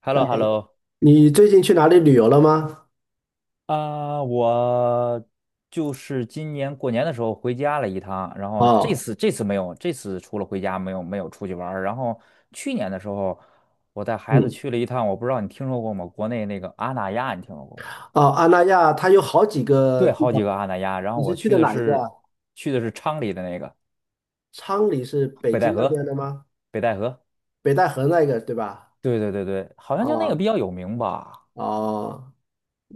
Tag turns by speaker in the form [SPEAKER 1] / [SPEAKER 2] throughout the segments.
[SPEAKER 1] h e l l
[SPEAKER 2] 哎，
[SPEAKER 1] o h e l l o
[SPEAKER 2] 你最近去哪里旅游了吗？
[SPEAKER 1] 啊，我今年过年的时候回家了一趟，然后这
[SPEAKER 2] 哦，
[SPEAKER 1] 次这次没有，这次除了回家没有出去玩儿。然后去年的时候，我带孩子
[SPEAKER 2] 嗯，
[SPEAKER 1] 去了一趟，我不知道你听说过吗？国内那个阿那亚，你听说过吗？
[SPEAKER 2] 哦，阿那亚它有好几个
[SPEAKER 1] 对，
[SPEAKER 2] 地
[SPEAKER 1] 好
[SPEAKER 2] 方，
[SPEAKER 1] 几个阿那亚。然后
[SPEAKER 2] 你是
[SPEAKER 1] 我
[SPEAKER 2] 去
[SPEAKER 1] 去
[SPEAKER 2] 的
[SPEAKER 1] 的
[SPEAKER 2] 哪一个啊
[SPEAKER 1] 是去的是昌黎的那个
[SPEAKER 2] 昌黎是北
[SPEAKER 1] 北
[SPEAKER 2] 京
[SPEAKER 1] 戴
[SPEAKER 2] 那边
[SPEAKER 1] 河，
[SPEAKER 2] 的吗？
[SPEAKER 1] 北戴河。
[SPEAKER 2] 北戴河那个对吧？
[SPEAKER 1] 对对对对好像就那个比
[SPEAKER 2] 哦，
[SPEAKER 1] 较有名吧。
[SPEAKER 2] 哦，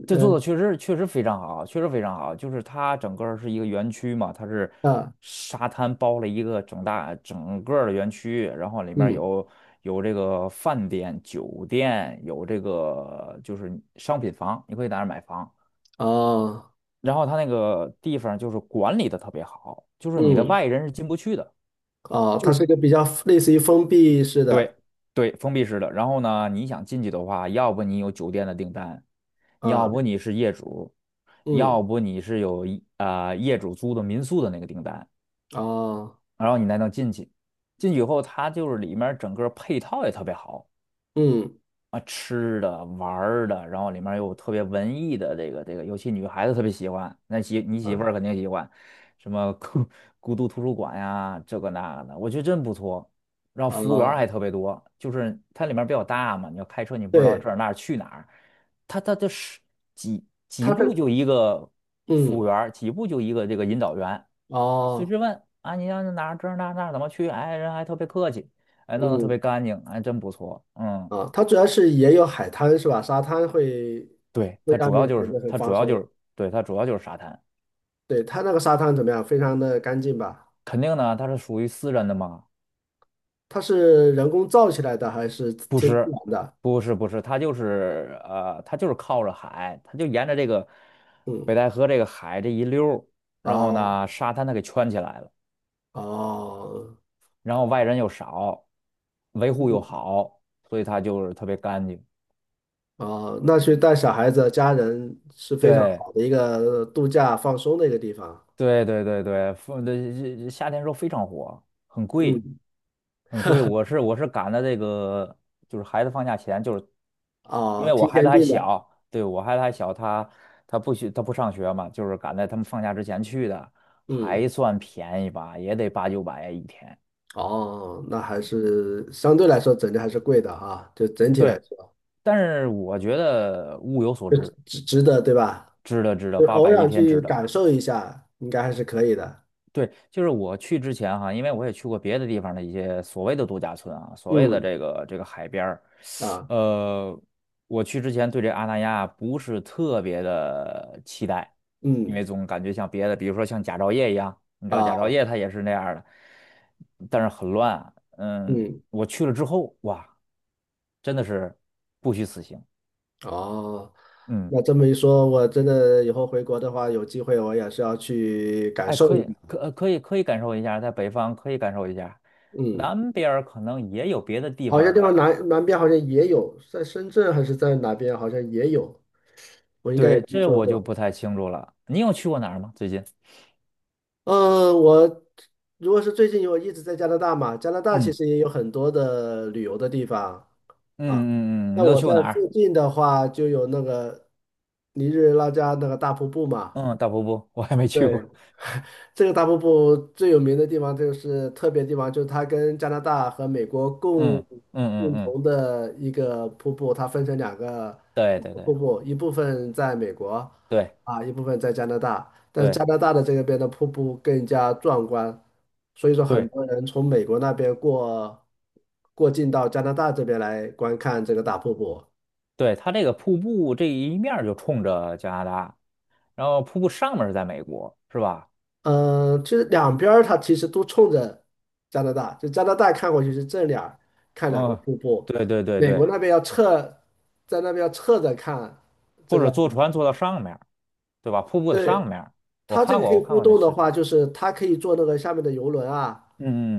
[SPEAKER 1] 这做
[SPEAKER 2] 呃，
[SPEAKER 1] 的确实确实非常好，确实非常好。就是它整个儿是一个园区嘛，它是
[SPEAKER 2] 啊，
[SPEAKER 1] 沙滩包了一个整个儿的园区，然后里面
[SPEAKER 2] 嗯，
[SPEAKER 1] 有这个饭店、酒店，有这个就是商品房，你可以在那儿买房。
[SPEAKER 2] 哦，
[SPEAKER 1] 然后它那个地方就是管理的特别好，就是你的
[SPEAKER 2] 嗯，
[SPEAKER 1] 外人是进不去的。
[SPEAKER 2] 哦，
[SPEAKER 1] 就
[SPEAKER 2] 它是一
[SPEAKER 1] 是。
[SPEAKER 2] 个比较类似于封闭式的
[SPEAKER 1] 对对封闭式的。然后呢，你想进去的话，要不你有酒店的订单，要
[SPEAKER 2] 啊，
[SPEAKER 1] 不你是业主，
[SPEAKER 2] 嗯，
[SPEAKER 1] 要不你是有一啊、业主租的民宿的那个订单，
[SPEAKER 2] 哦，
[SPEAKER 1] 然后你才能进去。进去以后，它就是里面整个配套也特别好，
[SPEAKER 2] 嗯，
[SPEAKER 1] 啊，吃的、玩儿的，然后里面有特别文艺的这个，尤其女孩子特别喜欢，那你媳
[SPEAKER 2] 啊，
[SPEAKER 1] 妇儿肯定喜欢，什么孤独图书馆呀，这个那个的，我觉得真不错。然后服务员儿
[SPEAKER 2] 哦，
[SPEAKER 1] 还特别多，就是它里面比较大嘛，你要开车你不知道这
[SPEAKER 2] 对，
[SPEAKER 1] 儿那儿去哪儿，它就是几几
[SPEAKER 2] 它这，
[SPEAKER 1] 步就一个服务
[SPEAKER 2] 嗯，
[SPEAKER 1] 员儿几步就一个这个引导员，你随
[SPEAKER 2] 哦，
[SPEAKER 1] 时问啊，你要哪儿这儿那儿怎么去，哎，人还特别客气，哎，弄得特别
[SPEAKER 2] 嗯，
[SPEAKER 1] 干净，还真不错，嗯。
[SPEAKER 2] 啊，它主要是也有海滩是吧？沙滩会
[SPEAKER 1] 对，
[SPEAKER 2] 会让你感觉很
[SPEAKER 1] 它主
[SPEAKER 2] 放
[SPEAKER 1] 要就
[SPEAKER 2] 松。
[SPEAKER 1] 是对它主要就是沙滩，
[SPEAKER 2] 对，它那个沙滩怎么样？非常的干净吧？
[SPEAKER 1] 肯定呢，它是属于私人的嘛，
[SPEAKER 2] 它是人工造起来的还是
[SPEAKER 1] 不
[SPEAKER 2] 天自
[SPEAKER 1] 是
[SPEAKER 2] 然的？
[SPEAKER 1] 不是，它就是它就是靠着海，它就沿着这个北
[SPEAKER 2] 嗯，
[SPEAKER 1] 戴河这个海这一溜儿，然后
[SPEAKER 2] 哦，
[SPEAKER 1] 呢，沙滩它给圈起来了，
[SPEAKER 2] 哦，
[SPEAKER 1] 然后外人又少，维护又
[SPEAKER 2] 嗯，
[SPEAKER 1] 好，所以它就是特别干净。
[SPEAKER 2] 哦，那去带小孩子、家人是非常
[SPEAKER 1] 对
[SPEAKER 2] 好的一个度假放松的一个地方。
[SPEAKER 1] 对对对对，风的夏天时候非常火，很贵。
[SPEAKER 2] 嗯，
[SPEAKER 1] 很贵。我是赶在这个就是孩子放假前，就是因
[SPEAKER 2] 哦，
[SPEAKER 1] 为
[SPEAKER 2] 提
[SPEAKER 1] 我孩子
[SPEAKER 2] 前
[SPEAKER 1] 还
[SPEAKER 2] 订的。
[SPEAKER 1] 小，对，我孩子还小，他他不学他不上学嘛，就是赶在他们放假之前去的，
[SPEAKER 2] 嗯，
[SPEAKER 1] 还算便宜吧，也得8、900一天。
[SPEAKER 2] 哦，那还是相对来说整体还是贵的哈，就整体来
[SPEAKER 1] 对，
[SPEAKER 2] 说
[SPEAKER 1] 但是我觉得物有所
[SPEAKER 2] 就
[SPEAKER 1] 值，
[SPEAKER 2] 值得对吧？
[SPEAKER 1] 值得值得
[SPEAKER 2] 就
[SPEAKER 1] 八
[SPEAKER 2] 偶
[SPEAKER 1] 百一
[SPEAKER 2] 尔
[SPEAKER 1] 天
[SPEAKER 2] 去
[SPEAKER 1] 值得。
[SPEAKER 2] 感受一下，应该还是可以的。
[SPEAKER 1] 对，就是我去之前哈，因为我也去过别的地方的一些所谓的度假村啊，所谓的
[SPEAKER 2] 嗯，
[SPEAKER 1] 这个这个海边儿，
[SPEAKER 2] 啊，
[SPEAKER 1] 呃，我去之前对这阿那亚不是特别的期待，因
[SPEAKER 2] 嗯，
[SPEAKER 1] 为总感觉像别的，比如说像佳兆业一样，你知道佳兆
[SPEAKER 2] 啊，
[SPEAKER 1] 业它也是那样儿的，但是很乱。嗯，
[SPEAKER 2] 嗯，
[SPEAKER 1] 我去了之后，哇，真的是不虚此行。
[SPEAKER 2] 哦，
[SPEAKER 1] 嗯。
[SPEAKER 2] 那这么一说，我真的以后回国的话，有机会我也是要去感
[SPEAKER 1] 哎，
[SPEAKER 2] 受
[SPEAKER 1] 可
[SPEAKER 2] 一
[SPEAKER 1] 以，
[SPEAKER 2] 下。
[SPEAKER 1] 可以感受一下，在北方可以感受一下，
[SPEAKER 2] 嗯，
[SPEAKER 1] 南边儿可能也有别的地
[SPEAKER 2] 好像
[SPEAKER 1] 方
[SPEAKER 2] 地方
[SPEAKER 1] 的，
[SPEAKER 2] 南边好像也有，在深圳还是在哪边，好像也有，我应该也
[SPEAKER 1] 对，
[SPEAKER 2] 听
[SPEAKER 1] 这
[SPEAKER 2] 说
[SPEAKER 1] 我就
[SPEAKER 2] 过。
[SPEAKER 1] 不太清楚了。你有去过哪儿吗？最近？
[SPEAKER 2] 嗯，我如果是最近我一直在加拿大嘛，加拿大其
[SPEAKER 1] 嗯
[SPEAKER 2] 实也有很多的旅游的地方。啊，
[SPEAKER 1] 嗯嗯嗯
[SPEAKER 2] 那
[SPEAKER 1] 你都
[SPEAKER 2] 我
[SPEAKER 1] 去过
[SPEAKER 2] 在
[SPEAKER 1] 哪儿？
[SPEAKER 2] 附近的话，就有那个尼日拉加那个大瀑布嘛。
[SPEAKER 1] 嗯，大瀑布我还没去
[SPEAKER 2] 对，
[SPEAKER 1] 过。
[SPEAKER 2] 这个大瀑布最有名的地方就是特别地方，就是它跟加拿大和美国共
[SPEAKER 1] 嗯嗯嗯
[SPEAKER 2] 共
[SPEAKER 1] 嗯，
[SPEAKER 2] 同的一个瀑布，它分成两个
[SPEAKER 1] 对
[SPEAKER 2] 两
[SPEAKER 1] 对
[SPEAKER 2] 个瀑
[SPEAKER 1] 对
[SPEAKER 2] 布，一部分在美国
[SPEAKER 1] 对
[SPEAKER 2] 啊，一部分在加拿大。但是
[SPEAKER 1] 对
[SPEAKER 2] 加拿大的这个边的瀑布更加壮观，所以说很
[SPEAKER 1] 对
[SPEAKER 2] 多人从美国那边过境到加拿大这边来观看这个大瀑布。
[SPEAKER 1] 对，它这个瀑布这一面儿就冲着加拿大，然后瀑布上面儿是在美国，是吧？
[SPEAKER 2] 嗯，就是两边儿它其实都冲着加拿大，就加拿大看过去是正脸儿看两个
[SPEAKER 1] 嗯，
[SPEAKER 2] 瀑布，
[SPEAKER 1] 对对对
[SPEAKER 2] 美国
[SPEAKER 1] 对，
[SPEAKER 2] 那边要侧，在那边要侧着看这
[SPEAKER 1] 或者
[SPEAKER 2] 个。
[SPEAKER 1] 坐船坐到上面儿对吧？瀑布的上
[SPEAKER 2] 对，
[SPEAKER 1] 面儿我
[SPEAKER 2] 它这
[SPEAKER 1] 看
[SPEAKER 2] 个
[SPEAKER 1] 过，
[SPEAKER 2] 可以
[SPEAKER 1] 我看
[SPEAKER 2] 互
[SPEAKER 1] 过那
[SPEAKER 2] 动的
[SPEAKER 1] 视
[SPEAKER 2] 话，
[SPEAKER 1] 频。
[SPEAKER 2] 就是它可以坐那个下面的游轮啊，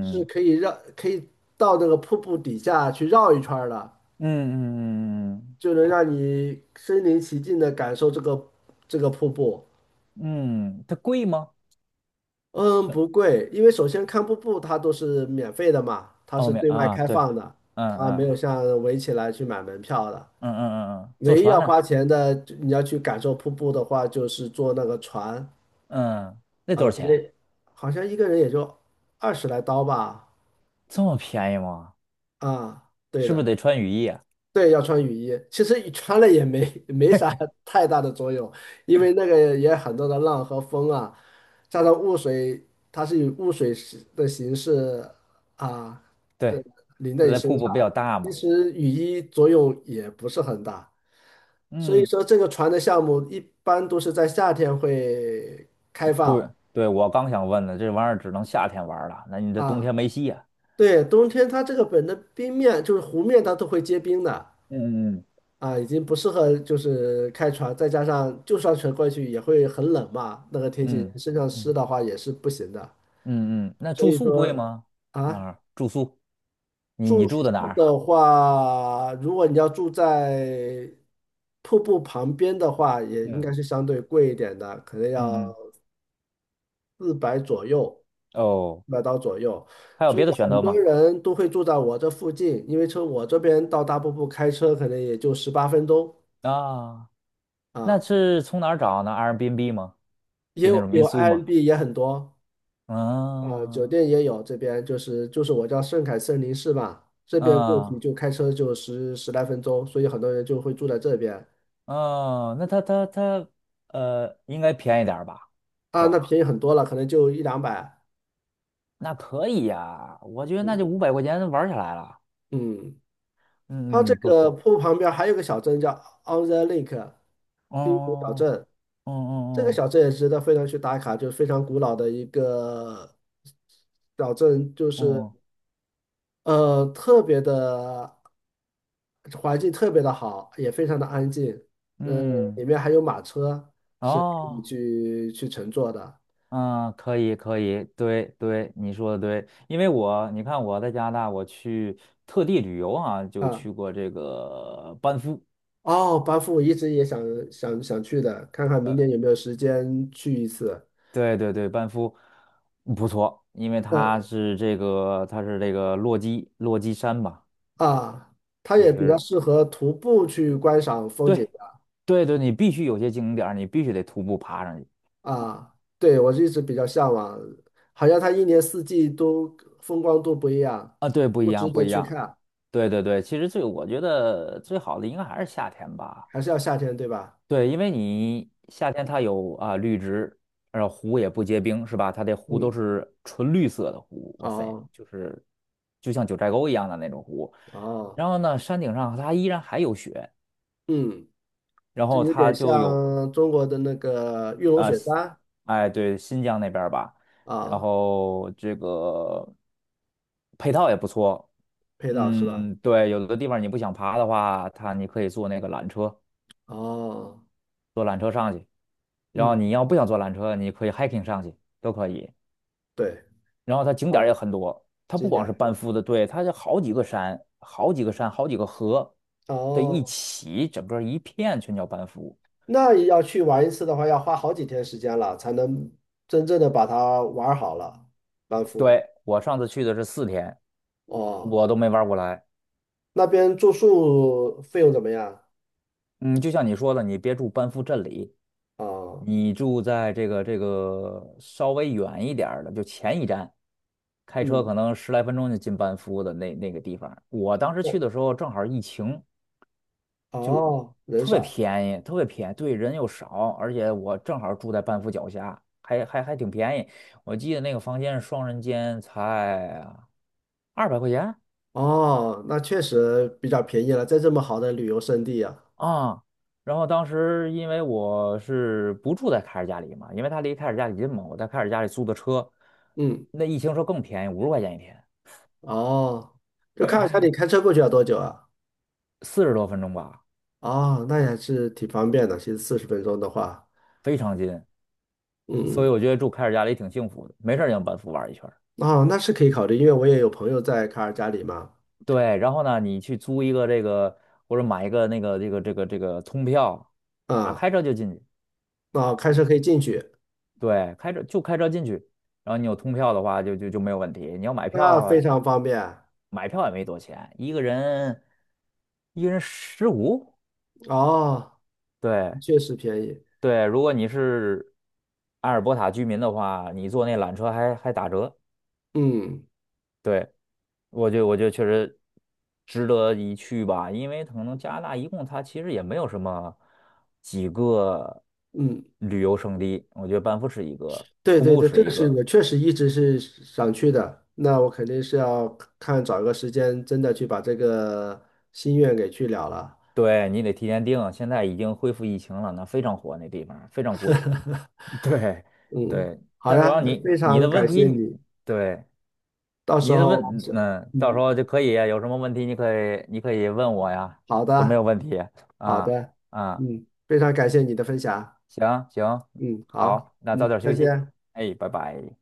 [SPEAKER 2] 可以到那个瀑布底下去绕一圈儿的，
[SPEAKER 1] 嗯嗯嗯
[SPEAKER 2] 就能
[SPEAKER 1] 它
[SPEAKER 2] 让你身临其境的感受这个瀑布。
[SPEAKER 1] 嗯，它贵吗？
[SPEAKER 2] 嗯，
[SPEAKER 1] 是，
[SPEAKER 2] 不贵，因为首先看瀑布它都是免费的嘛，它
[SPEAKER 1] 欧
[SPEAKER 2] 是
[SPEAKER 1] 美
[SPEAKER 2] 对外
[SPEAKER 1] 啊，
[SPEAKER 2] 开
[SPEAKER 1] 对，
[SPEAKER 2] 放的，
[SPEAKER 1] 嗯
[SPEAKER 2] 它没
[SPEAKER 1] 嗯
[SPEAKER 2] 有像围起来去买门票的。
[SPEAKER 1] 嗯嗯嗯嗯坐
[SPEAKER 2] 唯一
[SPEAKER 1] 船
[SPEAKER 2] 要
[SPEAKER 1] 呢？
[SPEAKER 2] 花钱的，就你要去感受瀑布的话，就是坐那个船，
[SPEAKER 1] 嗯，那多
[SPEAKER 2] 嗯，
[SPEAKER 1] 少
[SPEAKER 2] 可能
[SPEAKER 1] 钱？
[SPEAKER 2] 好像一个人也就20来刀吧。
[SPEAKER 1] 这么便宜吗？
[SPEAKER 2] 啊，对
[SPEAKER 1] 是不是
[SPEAKER 2] 的。
[SPEAKER 1] 得穿雨衣啊？
[SPEAKER 2] 对，要穿雨衣。其实你穿了也没 没啥太大的作用，因为那个也很多的浪和风啊，加上雾水，它是以雾水是的形式啊的
[SPEAKER 1] 对，
[SPEAKER 2] 淋在
[SPEAKER 1] 它
[SPEAKER 2] 你
[SPEAKER 1] 那瀑
[SPEAKER 2] 身
[SPEAKER 1] 布比较
[SPEAKER 2] 上。
[SPEAKER 1] 大
[SPEAKER 2] 其
[SPEAKER 1] 嘛。
[SPEAKER 2] 实雨衣作用也不是很大，所以
[SPEAKER 1] 嗯，
[SPEAKER 2] 说这个船的项目一般都是在夏天会开放
[SPEAKER 1] 对对，我刚想问呢，这玩意儿只能夏天玩儿了，那你这冬天
[SPEAKER 2] 啊。
[SPEAKER 1] 没戏呀？
[SPEAKER 2] 对，冬天它这个本的冰面就是湖面，它都会结冰的。
[SPEAKER 1] 嗯嗯
[SPEAKER 2] 啊，已经不适合就是开船，再加上就算船过去也会很冷嘛，那个天气
[SPEAKER 1] 嗯
[SPEAKER 2] 身上湿
[SPEAKER 1] 嗯
[SPEAKER 2] 的话也是不行的。
[SPEAKER 1] 嗯嗯，那
[SPEAKER 2] 所
[SPEAKER 1] 住
[SPEAKER 2] 以
[SPEAKER 1] 宿贵
[SPEAKER 2] 说
[SPEAKER 1] 吗？那
[SPEAKER 2] 啊，
[SPEAKER 1] 儿住宿，你你
[SPEAKER 2] 住
[SPEAKER 1] 住的哪
[SPEAKER 2] 宿
[SPEAKER 1] 儿？
[SPEAKER 2] 的话，如果你要住在瀑布旁边的话，也应
[SPEAKER 1] 嗯。
[SPEAKER 2] 该是相对贵一点的，可能要
[SPEAKER 1] 嗯嗯，
[SPEAKER 2] 400左右，
[SPEAKER 1] 哦，
[SPEAKER 2] 400刀左右。
[SPEAKER 1] 还有
[SPEAKER 2] 所以
[SPEAKER 1] 别的选
[SPEAKER 2] 很
[SPEAKER 1] 择
[SPEAKER 2] 多
[SPEAKER 1] 吗？
[SPEAKER 2] 人都会住在我这附近，因为从我这边到大瀑布开车可能也就18分钟
[SPEAKER 1] 啊，那
[SPEAKER 2] 啊。
[SPEAKER 1] 是从哪儿找呢？Airbnb 吗？
[SPEAKER 2] 也
[SPEAKER 1] 就那
[SPEAKER 2] 有
[SPEAKER 1] 种民
[SPEAKER 2] 有
[SPEAKER 1] 宿
[SPEAKER 2] i n
[SPEAKER 1] 吗？
[SPEAKER 2] b 也很多啊，酒店
[SPEAKER 1] 啊
[SPEAKER 2] 也有，这边就是我叫圣凯森林市吧，这边过去
[SPEAKER 1] 啊
[SPEAKER 2] 就开车就十来分钟，所以很多人就会住在这边
[SPEAKER 1] 啊那它它它应该便宜点儿吧，是
[SPEAKER 2] 啊，那
[SPEAKER 1] 吧？
[SPEAKER 2] 便宜很多了，可能就一两百。
[SPEAKER 1] 那可以呀，我觉得那
[SPEAKER 2] 嗯，
[SPEAKER 1] 就500块钱玩儿下来了。
[SPEAKER 2] 嗯，它
[SPEAKER 1] 嗯
[SPEAKER 2] 这
[SPEAKER 1] 嗯，不
[SPEAKER 2] 个
[SPEAKER 1] 错。
[SPEAKER 2] 瀑布旁边还有个小镇叫 On the Lake 滨湖小
[SPEAKER 1] 哦，
[SPEAKER 2] 镇，
[SPEAKER 1] 哦
[SPEAKER 2] 这个
[SPEAKER 1] 哦，
[SPEAKER 2] 小镇也值得非常去打卡，就是非常古老的一个小镇，就
[SPEAKER 1] 嗯
[SPEAKER 2] 是。
[SPEAKER 1] 嗯
[SPEAKER 2] 特别的环境特别的好，也非常的安静。嗯，
[SPEAKER 1] 嗯
[SPEAKER 2] 里
[SPEAKER 1] 嗯，
[SPEAKER 2] 面还有马车是可以
[SPEAKER 1] 哦，
[SPEAKER 2] 去乘坐的
[SPEAKER 1] 嗯，可以，可以，对对，你说的对，因为你看我在加拿大，我去特地旅游啊，就
[SPEAKER 2] 啊。
[SPEAKER 1] 去过这个班夫，
[SPEAKER 2] 哦，班夫我一直也想去的，看看明年
[SPEAKER 1] 呃，
[SPEAKER 2] 有没有时间去一次。
[SPEAKER 1] 对对对，班夫不错，因为
[SPEAKER 2] 嗯，
[SPEAKER 1] 它是这个落基山吧，
[SPEAKER 2] 啊，它
[SPEAKER 1] 就
[SPEAKER 2] 也比较
[SPEAKER 1] 是
[SPEAKER 2] 适合徒步去观赏风景
[SPEAKER 1] 对
[SPEAKER 2] 的
[SPEAKER 1] 对对，你必须有些景点儿你必须得徒步爬上去。
[SPEAKER 2] 啊。对，我一直比较向往，好像它一年四季都风光都不一样，不值得去看，
[SPEAKER 1] 对对对，其实我觉得最好的应该还是夏天吧。
[SPEAKER 2] 还是要夏天，对吧？
[SPEAKER 1] 对，因为你夏天它有啊绿植，然后湖也不结冰，是吧？它的湖都
[SPEAKER 2] 嗯。
[SPEAKER 1] 是纯绿色的湖，哇塞，
[SPEAKER 2] 哦，
[SPEAKER 1] 就是就像九寨沟一样的那种湖。
[SPEAKER 2] 哦，
[SPEAKER 1] 然后呢，山顶上它依然还有雪，
[SPEAKER 2] 嗯，
[SPEAKER 1] 然
[SPEAKER 2] 这
[SPEAKER 1] 后
[SPEAKER 2] 有
[SPEAKER 1] 它
[SPEAKER 2] 点
[SPEAKER 1] 就有
[SPEAKER 2] 像中国的那个玉龙
[SPEAKER 1] 啊、
[SPEAKER 2] 雪山
[SPEAKER 1] 哎，对，新疆那边儿吧，然
[SPEAKER 2] 啊，
[SPEAKER 1] 后这个配套也不错。
[SPEAKER 2] 配套是吧？
[SPEAKER 1] 嗯，对，有的地方你不想爬的话，它你可以坐那个缆车，
[SPEAKER 2] 哦，
[SPEAKER 1] 坐缆车上去。然后
[SPEAKER 2] 嗯，
[SPEAKER 1] 你要不想坐缆车，你可以 hiking 上去，都可以。
[SPEAKER 2] 对，
[SPEAKER 1] 然后它景点儿也
[SPEAKER 2] 哦，
[SPEAKER 1] 很多，它不
[SPEAKER 2] 经
[SPEAKER 1] 光
[SPEAKER 2] 典
[SPEAKER 1] 是
[SPEAKER 2] 是吧？
[SPEAKER 1] 班夫的，对，它就好几个山、好几个河的一
[SPEAKER 2] 哦，
[SPEAKER 1] 起，整个一片全叫班夫。
[SPEAKER 2] 那要去玩一次的话，要花好几天时间了，才能真正的把它玩好了，班夫。
[SPEAKER 1] 对，我上次去的是4天，
[SPEAKER 2] 哦，
[SPEAKER 1] 我都没玩过来。
[SPEAKER 2] 那边住宿费用怎么样？
[SPEAKER 1] 嗯，就像你说的，你别住班夫镇里，
[SPEAKER 2] 哦，
[SPEAKER 1] 你住在这个稍微远一点儿的，就前一站，开车
[SPEAKER 2] 嗯，
[SPEAKER 1] 可能十来分钟就进班夫的那个地方。我当时去
[SPEAKER 2] 对，
[SPEAKER 1] 的时候正好疫情，
[SPEAKER 2] 哦，人
[SPEAKER 1] 特别
[SPEAKER 2] 少。
[SPEAKER 1] 便宜，特别便宜，对，人又少，而且我正好住在半夫脚下，还挺便宜。我记得那个房间是双人间，才200块钱
[SPEAKER 2] 哦，那确实比较便宜了，在这么好的旅游胜地啊。
[SPEAKER 1] 啊。然后当时因为我是不住在凯尔家里嘛，因为他离凯尔家里近嘛，我在凯尔家里租的车，
[SPEAKER 2] 嗯。
[SPEAKER 1] 那一停车更便宜，50块钱一天，
[SPEAKER 2] 哦，就卡尔加里开车过去要多久啊？
[SPEAKER 1] 40多分钟吧，
[SPEAKER 2] 哦，那也还是挺方便的。其实40分钟的话，
[SPEAKER 1] 非常近。所以
[SPEAKER 2] 嗯，
[SPEAKER 1] 我觉得住凯尔家里挺幸福的，没事儿就往班夫玩一圈。
[SPEAKER 2] 哦，那是可以考虑，因为我也有朋友在卡尔加里嘛，
[SPEAKER 1] 对，然后呢，你去租一个这个或者买一个那个这个通票，啊，
[SPEAKER 2] 啊、
[SPEAKER 1] 开车就进去。
[SPEAKER 2] 那开车可以进去，
[SPEAKER 1] 对，开车进去，然后你有通票的话就没有问题。你要买
[SPEAKER 2] 那
[SPEAKER 1] 票，
[SPEAKER 2] 非常方便。
[SPEAKER 1] 买票也没多钱，一个人15。
[SPEAKER 2] 哦，
[SPEAKER 1] 对
[SPEAKER 2] 确实便宜。
[SPEAKER 1] 对，如果你是阿尔伯塔居民的话，你坐那缆车还打折。
[SPEAKER 2] 嗯，
[SPEAKER 1] 对，我觉得确实值得一去吧，因为可能加拿大一共它其实也没有什么几个
[SPEAKER 2] 嗯，
[SPEAKER 1] 旅游胜地，我觉得班夫是一个，
[SPEAKER 2] 对，
[SPEAKER 1] 瀑
[SPEAKER 2] 对，
[SPEAKER 1] 布
[SPEAKER 2] 对，
[SPEAKER 1] 是
[SPEAKER 2] 这个
[SPEAKER 1] 一
[SPEAKER 2] 是
[SPEAKER 1] 个，
[SPEAKER 2] 我确实一直是想去的。那我肯定是要看找个时间，真的去把这个心愿给去了了。
[SPEAKER 1] 对，你得提前订，现在已经恢复疫情了，那非常火那地方，非常贵，对
[SPEAKER 2] 嗯，
[SPEAKER 1] 对，
[SPEAKER 2] 好
[SPEAKER 1] 但主
[SPEAKER 2] 呀，
[SPEAKER 1] 要
[SPEAKER 2] 那非
[SPEAKER 1] 你
[SPEAKER 2] 常
[SPEAKER 1] 的问
[SPEAKER 2] 感谢
[SPEAKER 1] 题，
[SPEAKER 2] 你。
[SPEAKER 1] 对，
[SPEAKER 2] 到时
[SPEAKER 1] 你的
[SPEAKER 2] 候
[SPEAKER 1] 问，
[SPEAKER 2] 是，
[SPEAKER 1] 嗯，到时
[SPEAKER 2] 嗯，
[SPEAKER 1] 候就可以啊有什么问题你可以问我呀，
[SPEAKER 2] 好
[SPEAKER 1] 都没
[SPEAKER 2] 的，
[SPEAKER 1] 有问题
[SPEAKER 2] 好
[SPEAKER 1] 啊
[SPEAKER 2] 的，
[SPEAKER 1] 啊。
[SPEAKER 2] 嗯，非常感谢你的分享，
[SPEAKER 1] 行行，
[SPEAKER 2] 嗯，好，
[SPEAKER 1] 好，那早
[SPEAKER 2] 嗯，
[SPEAKER 1] 点
[SPEAKER 2] 再
[SPEAKER 1] 休息，
[SPEAKER 2] 见。
[SPEAKER 1] 哎，拜拜。